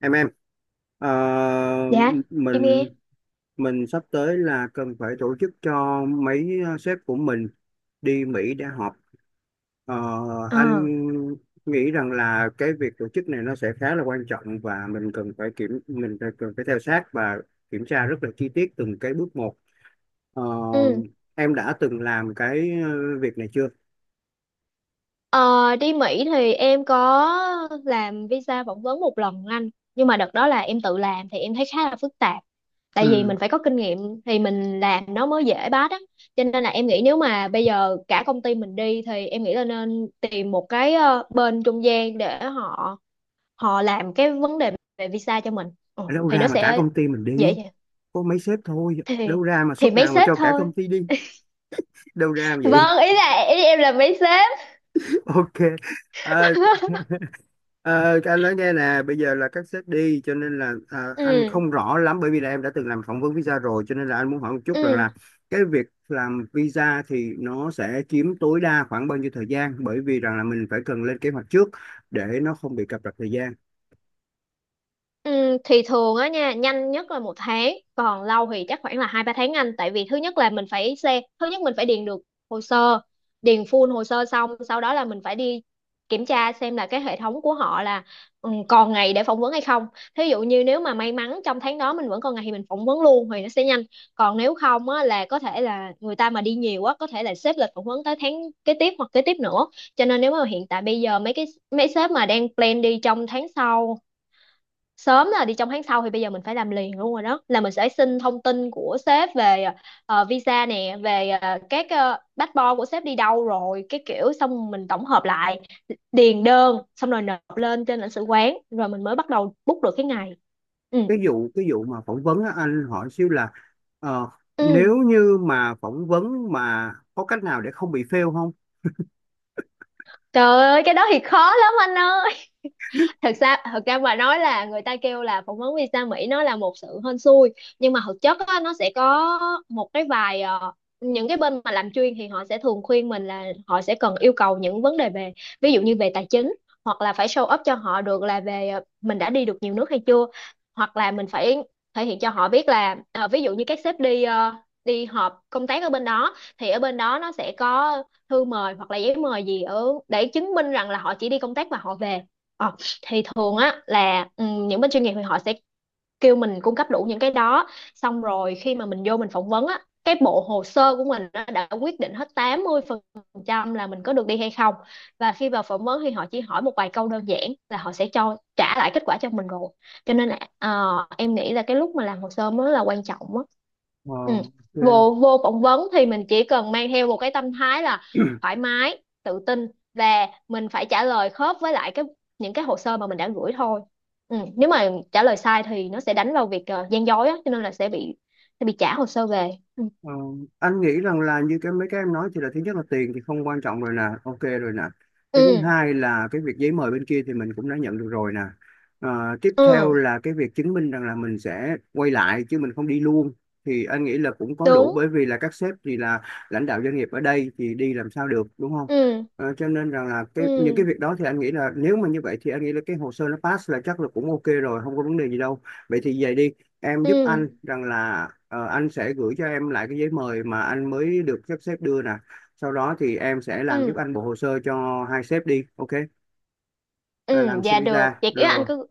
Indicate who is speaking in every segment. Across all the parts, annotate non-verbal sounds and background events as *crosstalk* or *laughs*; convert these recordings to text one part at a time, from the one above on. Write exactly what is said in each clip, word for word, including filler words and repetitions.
Speaker 1: em em ờ,
Speaker 2: Dạ,
Speaker 1: m-
Speaker 2: em nghe.
Speaker 1: mình mình sắp tới là cần phải tổ chức cho mấy ờ, sếp của mình đi Mỹ để họp. Ờ,
Speaker 2: Ờ,
Speaker 1: anh nghĩ rằng là cái việc tổ chức này nó sẽ khá là quan trọng, và mình cần phải kiểm mình phải, cần phải theo sát và kiểm tra rất là chi tiết từng cái bước một. Ờ,
Speaker 2: Ừ.
Speaker 1: em đã từng làm cái ờ, việc này chưa?
Speaker 2: Ờ, Đi Mỹ thì em có làm visa phỏng vấn một lần anh. Nhưng mà đợt đó là em tự làm thì em thấy khá là phức tạp. Tại vì
Speaker 1: Ừ.
Speaker 2: mình phải có kinh nghiệm thì mình làm nó mới dễ bắt á. Cho nên là em nghĩ nếu mà bây giờ cả công ty mình đi thì em nghĩ là nên tìm một cái ờ, bên trung gian để họ họ làm cái vấn đề về visa cho mình. Ừ,
Speaker 1: Đâu
Speaker 2: thì
Speaker 1: ra
Speaker 2: nó
Speaker 1: mà cả
Speaker 2: sẽ
Speaker 1: công ty mình
Speaker 2: dễ
Speaker 1: đi,
Speaker 2: dàng.
Speaker 1: có mấy sếp thôi?
Speaker 2: Thì
Speaker 1: Đâu ra mà
Speaker 2: thì
Speaker 1: suất
Speaker 2: mấy
Speaker 1: nào mà
Speaker 2: sếp
Speaker 1: cho cả
Speaker 2: thôi.
Speaker 1: công ty đi? Đâu ra mà vậy?
Speaker 2: Vâng, ý là ý em là mấy sếp.
Speaker 1: Ok. Ờ,
Speaker 2: *laughs*
Speaker 1: ờ, anh nói nghe nè, bây giờ là các sếp đi, cho nên là ờ, anh
Speaker 2: Ừ.
Speaker 1: không rõ lắm, bởi vì là em đã từng làm phỏng vấn visa rồi, cho nên là anh muốn hỏi một chút rằng
Speaker 2: Ừ,
Speaker 1: là cái việc làm visa thì nó sẽ chiếm tối đa khoảng bao nhiêu thời gian, bởi vì rằng là mình phải cần lên kế hoạch trước để nó không bị cập rập thời gian.
Speaker 2: ừ, thì thường á nha, nhanh nhất là một tháng, còn lâu thì chắc khoảng là hai ba tháng anh. Tại vì thứ nhất là mình phải xem, thứ nhất mình phải điền được hồ sơ, điền full hồ sơ, xong sau đó là mình phải đi kiểm tra xem là cái hệ thống của họ là ừ, còn ngày để phỏng vấn hay không. Thí dụ như nếu mà may mắn trong tháng đó mình vẫn còn ngày thì mình phỏng vấn luôn thì nó sẽ nhanh, còn nếu không á là có thể là người ta mà đi nhiều quá, có thể là xếp lịch phỏng vấn tới tháng kế tiếp hoặc kế tiếp nữa. Cho nên nếu mà hiện tại bây giờ mấy cái mấy sếp mà đang plan đi trong tháng sau, sớm là đi trong tháng sau thì bây giờ mình phải làm liền luôn rồi. Đó là mình sẽ xin thông tin của sếp về ờ, visa nè, về ờ, các uh, passport của sếp đi đâu rồi cái kiểu, xong mình tổng hợp lại, điền đơn xong rồi nộp lên trên lãnh sự quán rồi mình mới bắt đầu book được cái ngày. ừ
Speaker 1: Cái vụ cái vụ mà phỏng vấn á, anh hỏi xíu là ờ,
Speaker 2: ừ
Speaker 1: nếu như mà phỏng vấn mà có cách nào để không bị fail không?
Speaker 2: Trời ơi, cái đó thì khó lắm anh ơi. Thật ra thật ra mà nói là người ta kêu là phỏng vấn visa Mỹ nó là một sự hên xui. Nhưng mà thực chất á, nó sẽ có một cái vài ờ, những cái bên mà làm chuyên thì họ sẽ thường khuyên mình là họ sẽ cần yêu cầu những vấn đề về ví dụ như về tài chính, hoặc là phải show up cho họ được là về ờ, mình đã đi được nhiều nước hay chưa, hoặc là mình phải thể hiện cho họ biết là ờ, ví dụ như các sếp đi ờ, đi họp công tác ở bên đó thì ở bên đó nó sẽ có thư mời hoặc là giấy mời gì ở để chứng minh rằng là họ chỉ đi công tác và họ về. Ờ, thì thường á là ừ, những bên chuyên nghiệp thì họ sẽ kêu mình cung cấp đủ những cái đó. Xong rồi khi mà mình vô mình phỏng vấn á, cái bộ hồ sơ của mình á, đã quyết định hết tám mươi phần trăm là mình có được đi hay không. Và khi vào phỏng vấn thì họ chỉ hỏi một vài câu đơn giản là họ sẽ cho trả lại kết quả cho mình rồi. Cho nên là ờ, em nghĩ là cái lúc mà làm hồ sơ mới là quan trọng á.
Speaker 1: Ờ,
Speaker 2: Ừ.
Speaker 1: ok.
Speaker 2: vô vô phỏng vấn thì mình chỉ cần mang theo một cái tâm thái là thoải mái tự tin, và mình phải trả lời khớp với lại cái những cái hồ sơ mà mình đã gửi thôi. Ừ. Nếu mà trả lời sai thì nó sẽ đánh vào việc ờ, gian dối á, cho nên là sẽ bị sẽ bị trả hồ sơ về. ừ
Speaker 1: Ờ, anh nghĩ rằng là như cái mấy cái em nói thì là thứ nhất là tiền thì không quan trọng rồi nè, ok rồi nè. Cái thứ
Speaker 2: ừ
Speaker 1: hai là cái việc giấy mời bên kia thì mình cũng đã nhận được rồi nè. Ờ, tiếp
Speaker 2: ừ,
Speaker 1: theo là cái việc chứng minh rằng là mình sẽ quay lại chứ mình không đi luôn. Thì anh nghĩ là cũng có đủ,
Speaker 2: đúng.
Speaker 1: bởi vì là các sếp thì là lãnh đạo doanh nghiệp ở đây thì đi làm sao được đúng không?
Speaker 2: ừ
Speaker 1: Ờ, cho nên rằng là cái những cái
Speaker 2: ừ
Speaker 1: việc đó thì anh nghĩ là nếu mà như vậy thì anh nghĩ là cái hồ sơ nó pass là chắc là cũng ok rồi, không có vấn đề gì đâu. Vậy thì về đi, em
Speaker 2: ừ
Speaker 1: giúp anh rằng là ờ, anh sẽ gửi cho em lại cái giấy mời mà anh mới được sắp xếp đưa nè, sau đó thì em sẽ làm giúp
Speaker 2: ừ
Speaker 1: anh bộ hồ sơ cho hai sếp đi, ok?
Speaker 2: Ừ,
Speaker 1: À, làm xin
Speaker 2: dạ được,
Speaker 1: visa
Speaker 2: vậy kiểu anh
Speaker 1: rồi,
Speaker 2: cứ.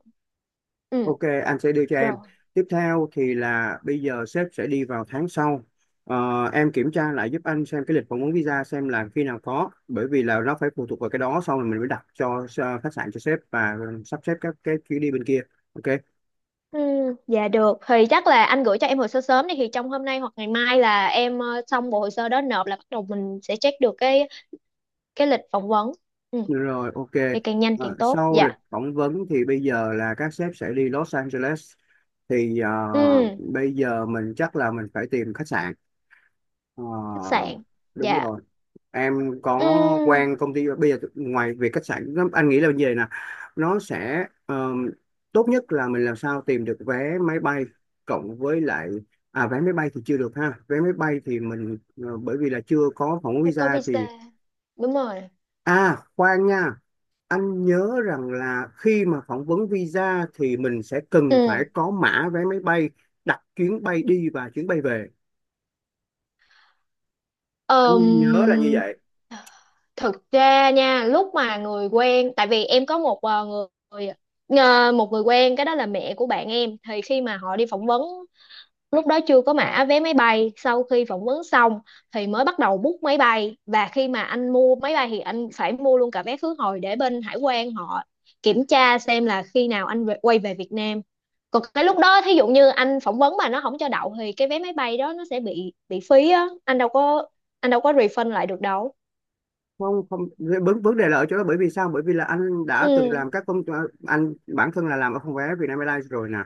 Speaker 2: Ừ,
Speaker 1: ok, anh sẽ đưa cho em.
Speaker 2: rồi.
Speaker 1: Tiếp theo thì là bây giờ sếp sẽ đi vào tháng sau. Ờ, em kiểm tra lại giúp anh xem cái lịch phỏng vấn visa xem là khi nào có, bởi vì là nó phải phụ thuộc vào cái đó, xong rồi mình mới đặt cho ờ, khách sạn cho sếp và sắp xếp các cái chuyến đi bên kia, ok.
Speaker 2: Ừ, dạ được, thì chắc là anh gửi cho em hồ sơ sớm đi, thì trong hôm nay hoặc ngày mai là em ờ, xong bộ hồ sơ đó, nộp là bắt đầu mình sẽ check được cái cái lịch phỏng vấn. Ừ,
Speaker 1: Rồi, ok.
Speaker 2: thì càng nhanh
Speaker 1: À,
Speaker 2: càng tốt
Speaker 1: sau lịch
Speaker 2: dạ.
Speaker 1: phỏng vấn thì bây giờ là các sếp sẽ đi Los Angeles. Thì à,
Speaker 2: Ừ,
Speaker 1: bây giờ mình chắc là mình phải tìm khách sạn. Ờ,
Speaker 2: khách sạn.
Speaker 1: đúng
Speaker 2: Dạ.
Speaker 1: rồi. Em có
Speaker 2: Ừ,
Speaker 1: quen công ty bây giờ ngoài việc khách sạn nó- anh nghĩ là như vậy nè. Nó sẽ ờ, tốt nhất là mình làm sao tìm được vé máy bay cộng với lại à vé máy bay thì chưa được ha. Vé máy bay thì mình ờ, bởi vì là chưa có phỏng vấn
Speaker 2: phải có
Speaker 1: visa
Speaker 2: visa,
Speaker 1: thì
Speaker 2: đúng rồi.
Speaker 1: à khoan nha. Anh nhớ rằng là khi mà phỏng vấn visa thì mình sẽ cần phải
Speaker 2: Ừ.
Speaker 1: có mã vé máy bay, đặt chuyến bay đi và chuyến bay về.
Speaker 2: Ờm,
Speaker 1: Anh nhớ là như vậy.
Speaker 2: thực ra nha, lúc mà người quen, tại vì em có một ờ, người ờ, một người quen, cái đó là mẹ của bạn em, thì khi mà họ đi phỏng vấn lúc đó chưa có mã vé máy bay, sau khi phỏng vấn xong thì mới bắt đầu book máy bay. Và khi mà anh mua máy bay thì anh phải mua luôn cả vé khứ hồi để bên hải quan họ kiểm tra xem là khi nào anh về- quay về Việt Nam. Còn cái lúc đó thí dụ như anh phỏng vấn mà nó không cho đậu thì cái vé máy bay đó nó sẽ bị bị phí á, anh đâu có, anh đâu có refund lại được đâu.
Speaker 1: Không không vấn vấn đề là ở chỗ đó, bởi vì sao, bởi vì là anh
Speaker 2: Ừ.
Speaker 1: đã từng làm các công anh bản thân là làm ở phòng vé Vietnam Airlines rồi nè,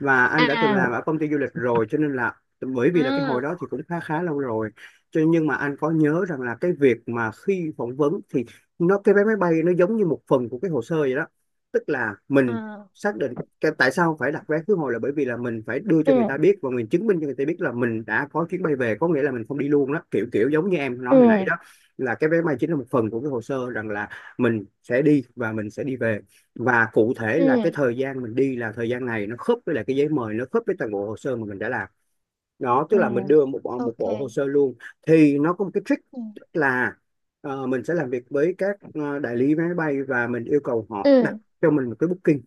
Speaker 1: và anh đã từng làm
Speaker 2: À
Speaker 1: ở công ty du lịch rồi, cho nên là bởi vì là cái hồi
Speaker 2: à
Speaker 1: đó thì cũng khá khá lâu rồi, cho nên- nhưng mà anh có nhớ rằng là cái việc mà khi phỏng vấn thì nó cái vé máy bay nó giống như một phần của cái hồ sơ vậy đó. Tức là mình
Speaker 2: à.
Speaker 1: xác định cái tại sao phải đặt vé khứ hồi là bởi vì là mình phải đưa cho người ta
Speaker 2: Ừ.
Speaker 1: biết, và mình chứng minh cho người ta biết là mình đã có chuyến bay về, có nghĩa là mình không đi luôn đó, kiểu kiểu giống như em nói
Speaker 2: ừ
Speaker 1: hồi nãy đó, là cái vé máy chính là một phần của cái hồ sơ, rằng là mình sẽ đi và mình sẽ đi về, và cụ thể là cái
Speaker 2: ừ
Speaker 1: thời gian mình đi là thời gian này nó khớp với lại cái giấy mời, nó khớp với toàn bộ hồ sơ mà mình đã làm đó, tức
Speaker 2: ừ
Speaker 1: là mình đưa một bộ, một
Speaker 2: Ok.
Speaker 1: bộ hồ sơ luôn. Thì nó có một cái trick,
Speaker 2: ừ
Speaker 1: tức là ờ, mình sẽ làm việc với các ờ, đại lý vé máy bay, và mình yêu cầu họ
Speaker 2: ừ
Speaker 1: đặt cho mình một cái booking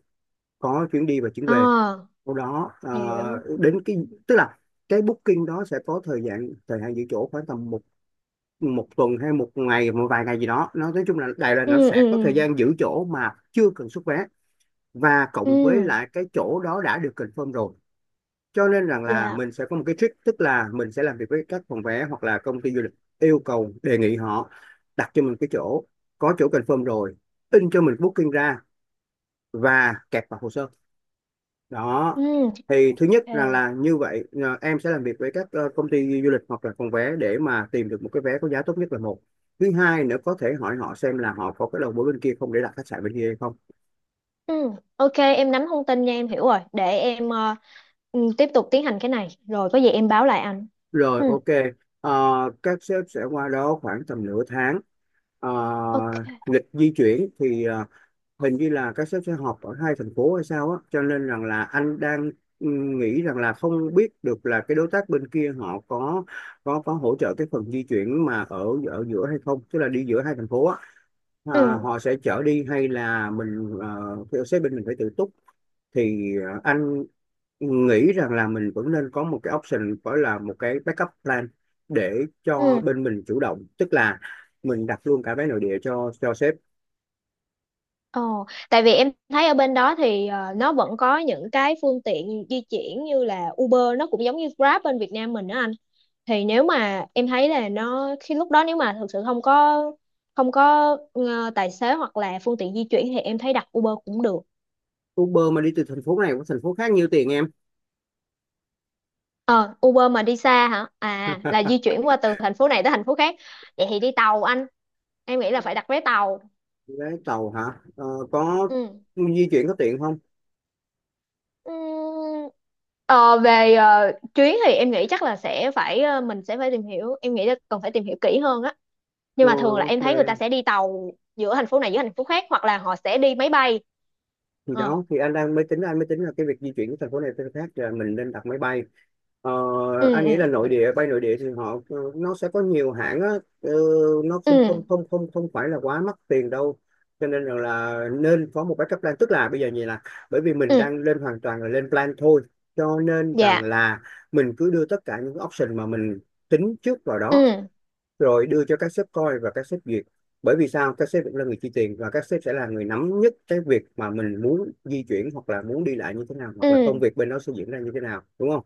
Speaker 1: có chuyến đi và chuyến về,
Speaker 2: À,
Speaker 1: sau đó ờ,
Speaker 2: hiểu.
Speaker 1: đến cái tức là cái booking đó sẽ có thời gian thời hạn giữ chỗ khoảng tầm một một tuần hay một ngày một vài ngày gì đó, nó nói chung là Đài Loan nó
Speaker 2: ừ ừ
Speaker 1: sẽ có thời gian giữ chỗ mà chưa cần xuất vé, và
Speaker 2: ừ
Speaker 1: cộng với
Speaker 2: Ừ.
Speaker 1: lại cái chỗ đó đã được confirm rồi. Cho nên rằng là
Speaker 2: Dạ.
Speaker 1: mình sẽ có một cái trick, tức là mình sẽ làm việc với các phòng vé hoặc là công ty du lịch, yêu cầu đề nghị họ đặt cho mình cái chỗ, có chỗ confirm rồi, in cho mình booking ra và kẹp vào hồ sơ đó.
Speaker 2: Ừ,
Speaker 1: Thì thứ nhất rằng là
Speaker 2: ok.
Speaker 1: như vậy à, em sẽ làm việc với các ờ, công ty du lịch hoặc là phòng vé để mà tìm được một cái vé có giá tốt nhất là một, thứ hai nữa có thể hỏi họ xem là họ có cái đầu mối bên kia không, để đặt khách sạn bên kia hay không,
Speaker 2: Ừ, ok, em nắm thông tin nha, em hiểu rồi, để em ờ, ừ, tiếp tục tiến hành cái này rồi có gì em báo lại anh.
Speaker 1: rồi
Speaker 2: Ừ,
Speaker 1: ok. Ờ, các sếp sẽ qua đó khoảng tầm nửa tháng. Ờ,
Speaker 2: ok.
Speaker 1: lịch di chuyển thì ờ, hình như là các sếp sẽ họp ở hai thành phố hay sao á, cho nên rằng là anh đang ừ, nghĩ rằng là không biết được là cái đối tác bên kia họ có có có hỗ trợ cái phần di chuyển mà ở ở giữa hay không, tức là đi giữa hai thành phố á, à,
Speaker 2: ừ
Speaker 1: họ sẽ chở đi hay là mình ờ, theo sếp bên mình phải tự túc. Thì ờ, anh nghĩ rằng là mình vẫn nên có một cái option, gọi là một cái backup plan để cho
Speaker 2: ừ
Speaker 1: bên mình chủ động, tức là mình đặt luôn cả vé nội địa cho cho sếp.
Speaker 2: Ồ, tại vì em thấy ở bên đó thì ờ, nó vẫn có những cái phương tiện di chuyển như là Uber, nó cũng giống như Grab bên Việt Nam mình đó anh. Thì nếu mà em thấy là nó khi lúc đó nếu mà thực sự không có không có ờ, tài xế hoặc là phương tiện di chuyển thì em thấy đặt Uber cũng được.
Speaker 1: Uber mà đi từ thành phố này qua thành phố khác nhiêu tiền em?
Speaker 2: Ờ, Uber mà đi xa hả? À, là di chuyển qua từ thành phố này tới thành phố khác. Vậy thì đi tàu anh. Em nghĩ là phải đặt vé tàu.
Speaker 1: Vé tàu hả? Ờ, có
Speaker 2: Ừ.
Speaker 1: di chuyển có tiện không?
Speaker 2: Ừm, ờ, về ờ, chuyến thì em nghĩ chắc là sẽ phải ờ, mình sẽ phải tìm hiểu. Em nghĩ là cần phải tìm hiểu kỹ hơn á. Nhưng
Speaker 1: Ờ,
Speaker 2: mà thường là
Speaker 1: ok.
Speaker 2: em thấy người ta sẽ đi tàu giữa thành phố này giữa thành phố khác, hoặc là họ sẽ đi máy bay.
Speaker 1: Thì
Speaker 2: Ờ.
Speaker 1: đó thì anh đang mới tính, anh mới tính là cái việc di chuyển của thành phố này tới khác là mình nên đặt máy bay. Ờ,
Speaker 2: Ừ
Speaker 1: anh nghĩ là
Speaker 2: ừ
Speaker 1: nội địa, bay nội địa thì họ ờ, nó sẽ có nhiều hãng á. ờ, nó không không
Speaker 2: ừ
Speaker 1: không không không phải là quá mắc tiền đâu, cho nên rằng là nên có một backup plan, tức là bây giờ như là bởi vì mình
Speaker 2: ừ
Speaker 1: đang lên hoàn toàn là lên plan thôi, cho nên rằng
Speaker 2: Dạ.
Speaker 1: là mình cứ đưa tất cả những option mà mình tính trước vào đó,
Speaker 2: Ừ
Speaker 1: rồi đưa cho các sếp coi và các sếp duyệt, bởi vì sao, các sếp vẫn là người chi tiền, và các sếp sẽ là người nắm nhất cái việc mà mình muốn di chuyển hoặc là muốn đi lại như thế nào, hoặc là công
Speaker 2: ừ
Speaker 1: việc bên đó sẽ diễn ra như thế nào đúng không.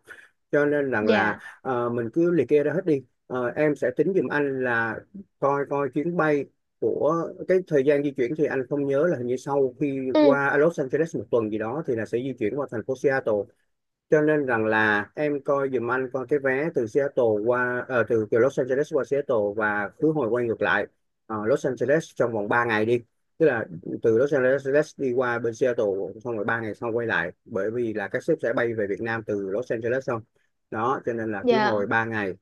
Speaker 1: Cho nên rằng là
Speaker 2: Dạ.
Speaker 1: ờ, mình cứ liệt kê ra hết đi. Ờ, em sẽ tính giùm anh là coi coi chuyến bay của cái thời gian di chuyển thì anh không nhớ là hình như sau khi
Speaker 2: Ừ.
Speaker 1: qua Los Angeles một tuần gì đó thì là sẽ di chuyển qua thành phố Seattle. Cho nên rằng là em coi giùm anh coi cái vé từ Seattle qua ờ, từ từ Los Angeles qua Seattle và khứ hồi quay ngược lại Ờ, Los Angeles trong vòng ba ngày đi, tức là từ Los Angeles đi qua bên Seattle, xong rồi ba ngày sau quay lại, bởi vì là các sếp sẽ bay về Việt Nam từ Los Angeles xong đó, cho nên là khứ hồi
Speaker 2: Dạ.
Speaker 1: ba ngày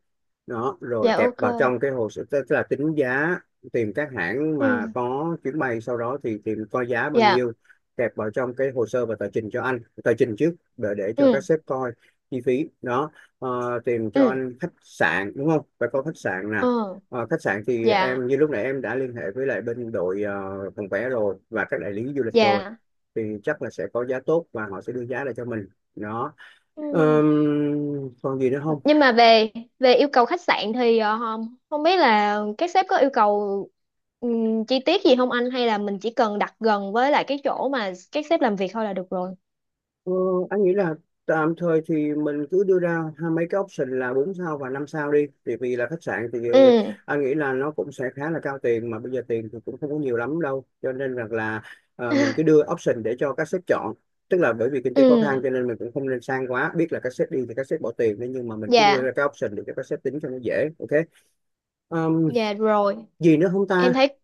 Speaker 1: đó, rồi
Speaker 2: Dạ
Speaker 1: kẹp
Speaker 2: ok.
Speaker 1: vào trong cái hồ sơ, tức là tính giá, tìm các hãng
Speaker 2: Ừ.
Speaker 1: mà có chuyến bay, sau đó thì tìm coi giá bao
Speaker 2: Dạ.
Speaker 1: nhiêu, kẹp vào trong cái hồ sơ và tờ trình cho anh, tờ trình trước để để cho các
Speaker 2: Ừ
Speaker 1: sếp coi chi phí đó. Ờ, tìm cho
Speaker 2: ừ
Speaker 1: anh khách sạn đúng không, phải có khách sạn nè.
Speaker 2: Ờ.
Speaker 1: Ờ, khách sạn thì
Speaker 2: Dạ.
Speaker 1: em như lúc nãy em đã liên hệ với lại bên đội ờ, phòng vé rồi và các đại lý du lịch rồi,
Speaker 2: Dạ.
Speaker 1: thì chắc là sẽ có giá tốt và họ sẽ đưa giá lại cho mình đó.
Speaker 2: Ừ.
Speaker 1: Ờm, còn gì nữa không?
Speaker 2: Nhưng mà về về yêu cầu khách sạn thì ờ, không không biết là các sếp có yêu cầu ừm, chi tiết gì không anh, hay là mình chỉ cần đặt gần với lại cái chỗ mà các sếp làm việc thôi là được rồi.
Speaker 1: Ờ, anh nghĩ là tạm thời thì mình cứ đưa ra hai mấy cái option là bốn sao và năm sao đi, thì vì là khách sạn thì ờ,
Speaker 2: Ừ.
Speaker 1: anh nghĩ là nó cũng sẽ khá là cao tiền, mà bây giờ tiền thì cũng không có nhiều lắm đâu, cho nên rằng là ờ, mình cứ
Speaker 2: *laughs*
Speaker 1: đưa option để cho các sếp chọn, tức là bởi vì kinh
Speaker 2: Ừ.
Speaker 1: tế khó khăn cho nên mình cũng không nên sang quá, biết là các sếp đi thì các sếp bỏ tiền đấy, nhưng mà mình cứ đưa
Speaker 2: Dạ.
Speaker 1: ra cái option để cho các sếp tính cho nó dễ, ok. Ờm,
Speaker 2: Dạ rồi.
Speaker 1: gì nữa không
Speaker 2: em
Speaker 1: ta?
Speaker 2: thấy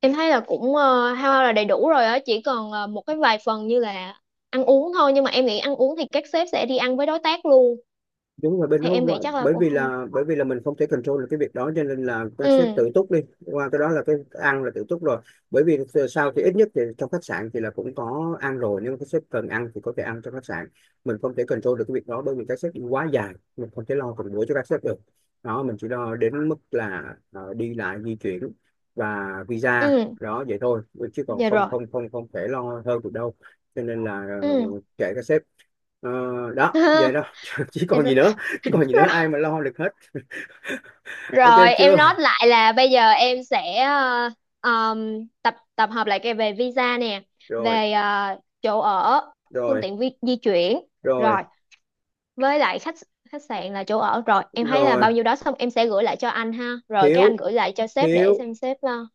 Speaker 2: em thấy là cũng ờ, hao hao là đầy đủ rồi á, chỉ còn ờ, một cái vài phần như là ăn uống thôi, nhưng mà em nghĩ ăn uống thì các sếp sẽ đi ăn với đối tác luôn.
Speaker 1: Đúng rồi, bên
Speaker 2: Thì
Speaker 1: đó
Speaker 2: em nghĩ
Speaker 1: qua-
Speaker 2: chắc là
Speaker 1: bởi
Speaker 2: cũng
Speaker 1: vì
Speaker 2: không.
Speaker 1: là bởi vì là mình không thể control được cái việc đó, cho nên là nó
Speaker 2: ừ
Speaker 1: sẽ tự túc đi, qua cái đó là cái ăn là tự túc rồi, bởi vì sao thì ít nhất thì trong khách sạn thì là cũng có ăn rồi, nhưng mà cái sếp cần ăn thì có thể ăn trong khách sạn. Mình không thể control được cái việc đó, bởi vì các sếp đi quá dài, mình không thể lo từng buổi cho các sếp được đó, mình chỉ lo đến mức là ờ, đi lại di chuyển và visa
Speaker 2: ừ
Speaker 1: đó vậy thôi, chứ còn
Speaker 2: Dạ
Speaker 1: không
Speaker 2: rồi.
Speaker 1: không không không thể lo hơn được đâu, cho nên là
Speaker 2: Ừ.
Speaker 1: ờ, kệ các sếp. Ờ, đó vậy đó
Speaker 2: *laughs*
Speaker 1: *laughs* chứ
Speaker 2: Dạ
Speaker 1: còn
Speaker 2: rồi.
Speaker 1: gì nữa, chứ còn gì nữa, ai mà lo được hết. Ok
Speaker 2: Rồi, em
Speaker 1: chưa?
Speaker 2: nói lại là bây giờ em sẽ ờ, um, tập tập hợp lại cái về visa nè,
Speaker 1: Rồi.
Speaker 2: về ờ, chỗ ở, phương
Speaker 1: Rồi.
Speaker 2: tiện vi, di chuyển,
Speaker 1: Rồi.
Speaker 2: rồi với lại khách khách sạn là chỗ ở rồi. Em thấy là
Speaker 1: Rồi.
Speaker 2: bao nhiêu đó, xong em sẽ gửi lại cho anh ha, rồi cái anh
Speaker 1: Thiếu
Speaker 2: gửi lại cho sếp để
Speaker 1: thiếu
Speaker 2: xem sếp lo.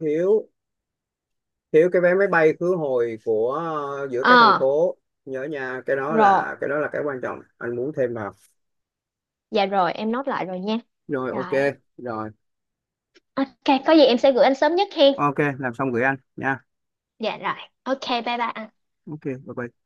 Speaker 1: thiếu Thiếu cái vé máy bay khứ hồi của ờ, giữa các thành
Speaker 2: Ờ
Speaker 1: phố, nhớ nha, cái đó
Speaker 2: rồi,
Speaker 1: là cái đó là cái quan trọng anh muốn thêm vào.
Speaker 2: dạ rồi, em nốt lại rồi nha.
Speaker 1: Rồi, ok.
Speaker 2: Rồi,
Speaker 1: Rồi,
Speaker 2: ok, có gì em sẽ gửi anh sớm nhất hen.
Speaker 1: ok, làm xong gửi anh nha.
Speaker 2: Dạ rồi, ok, bye bye anh.
Speaker 1: Ok, bye bye.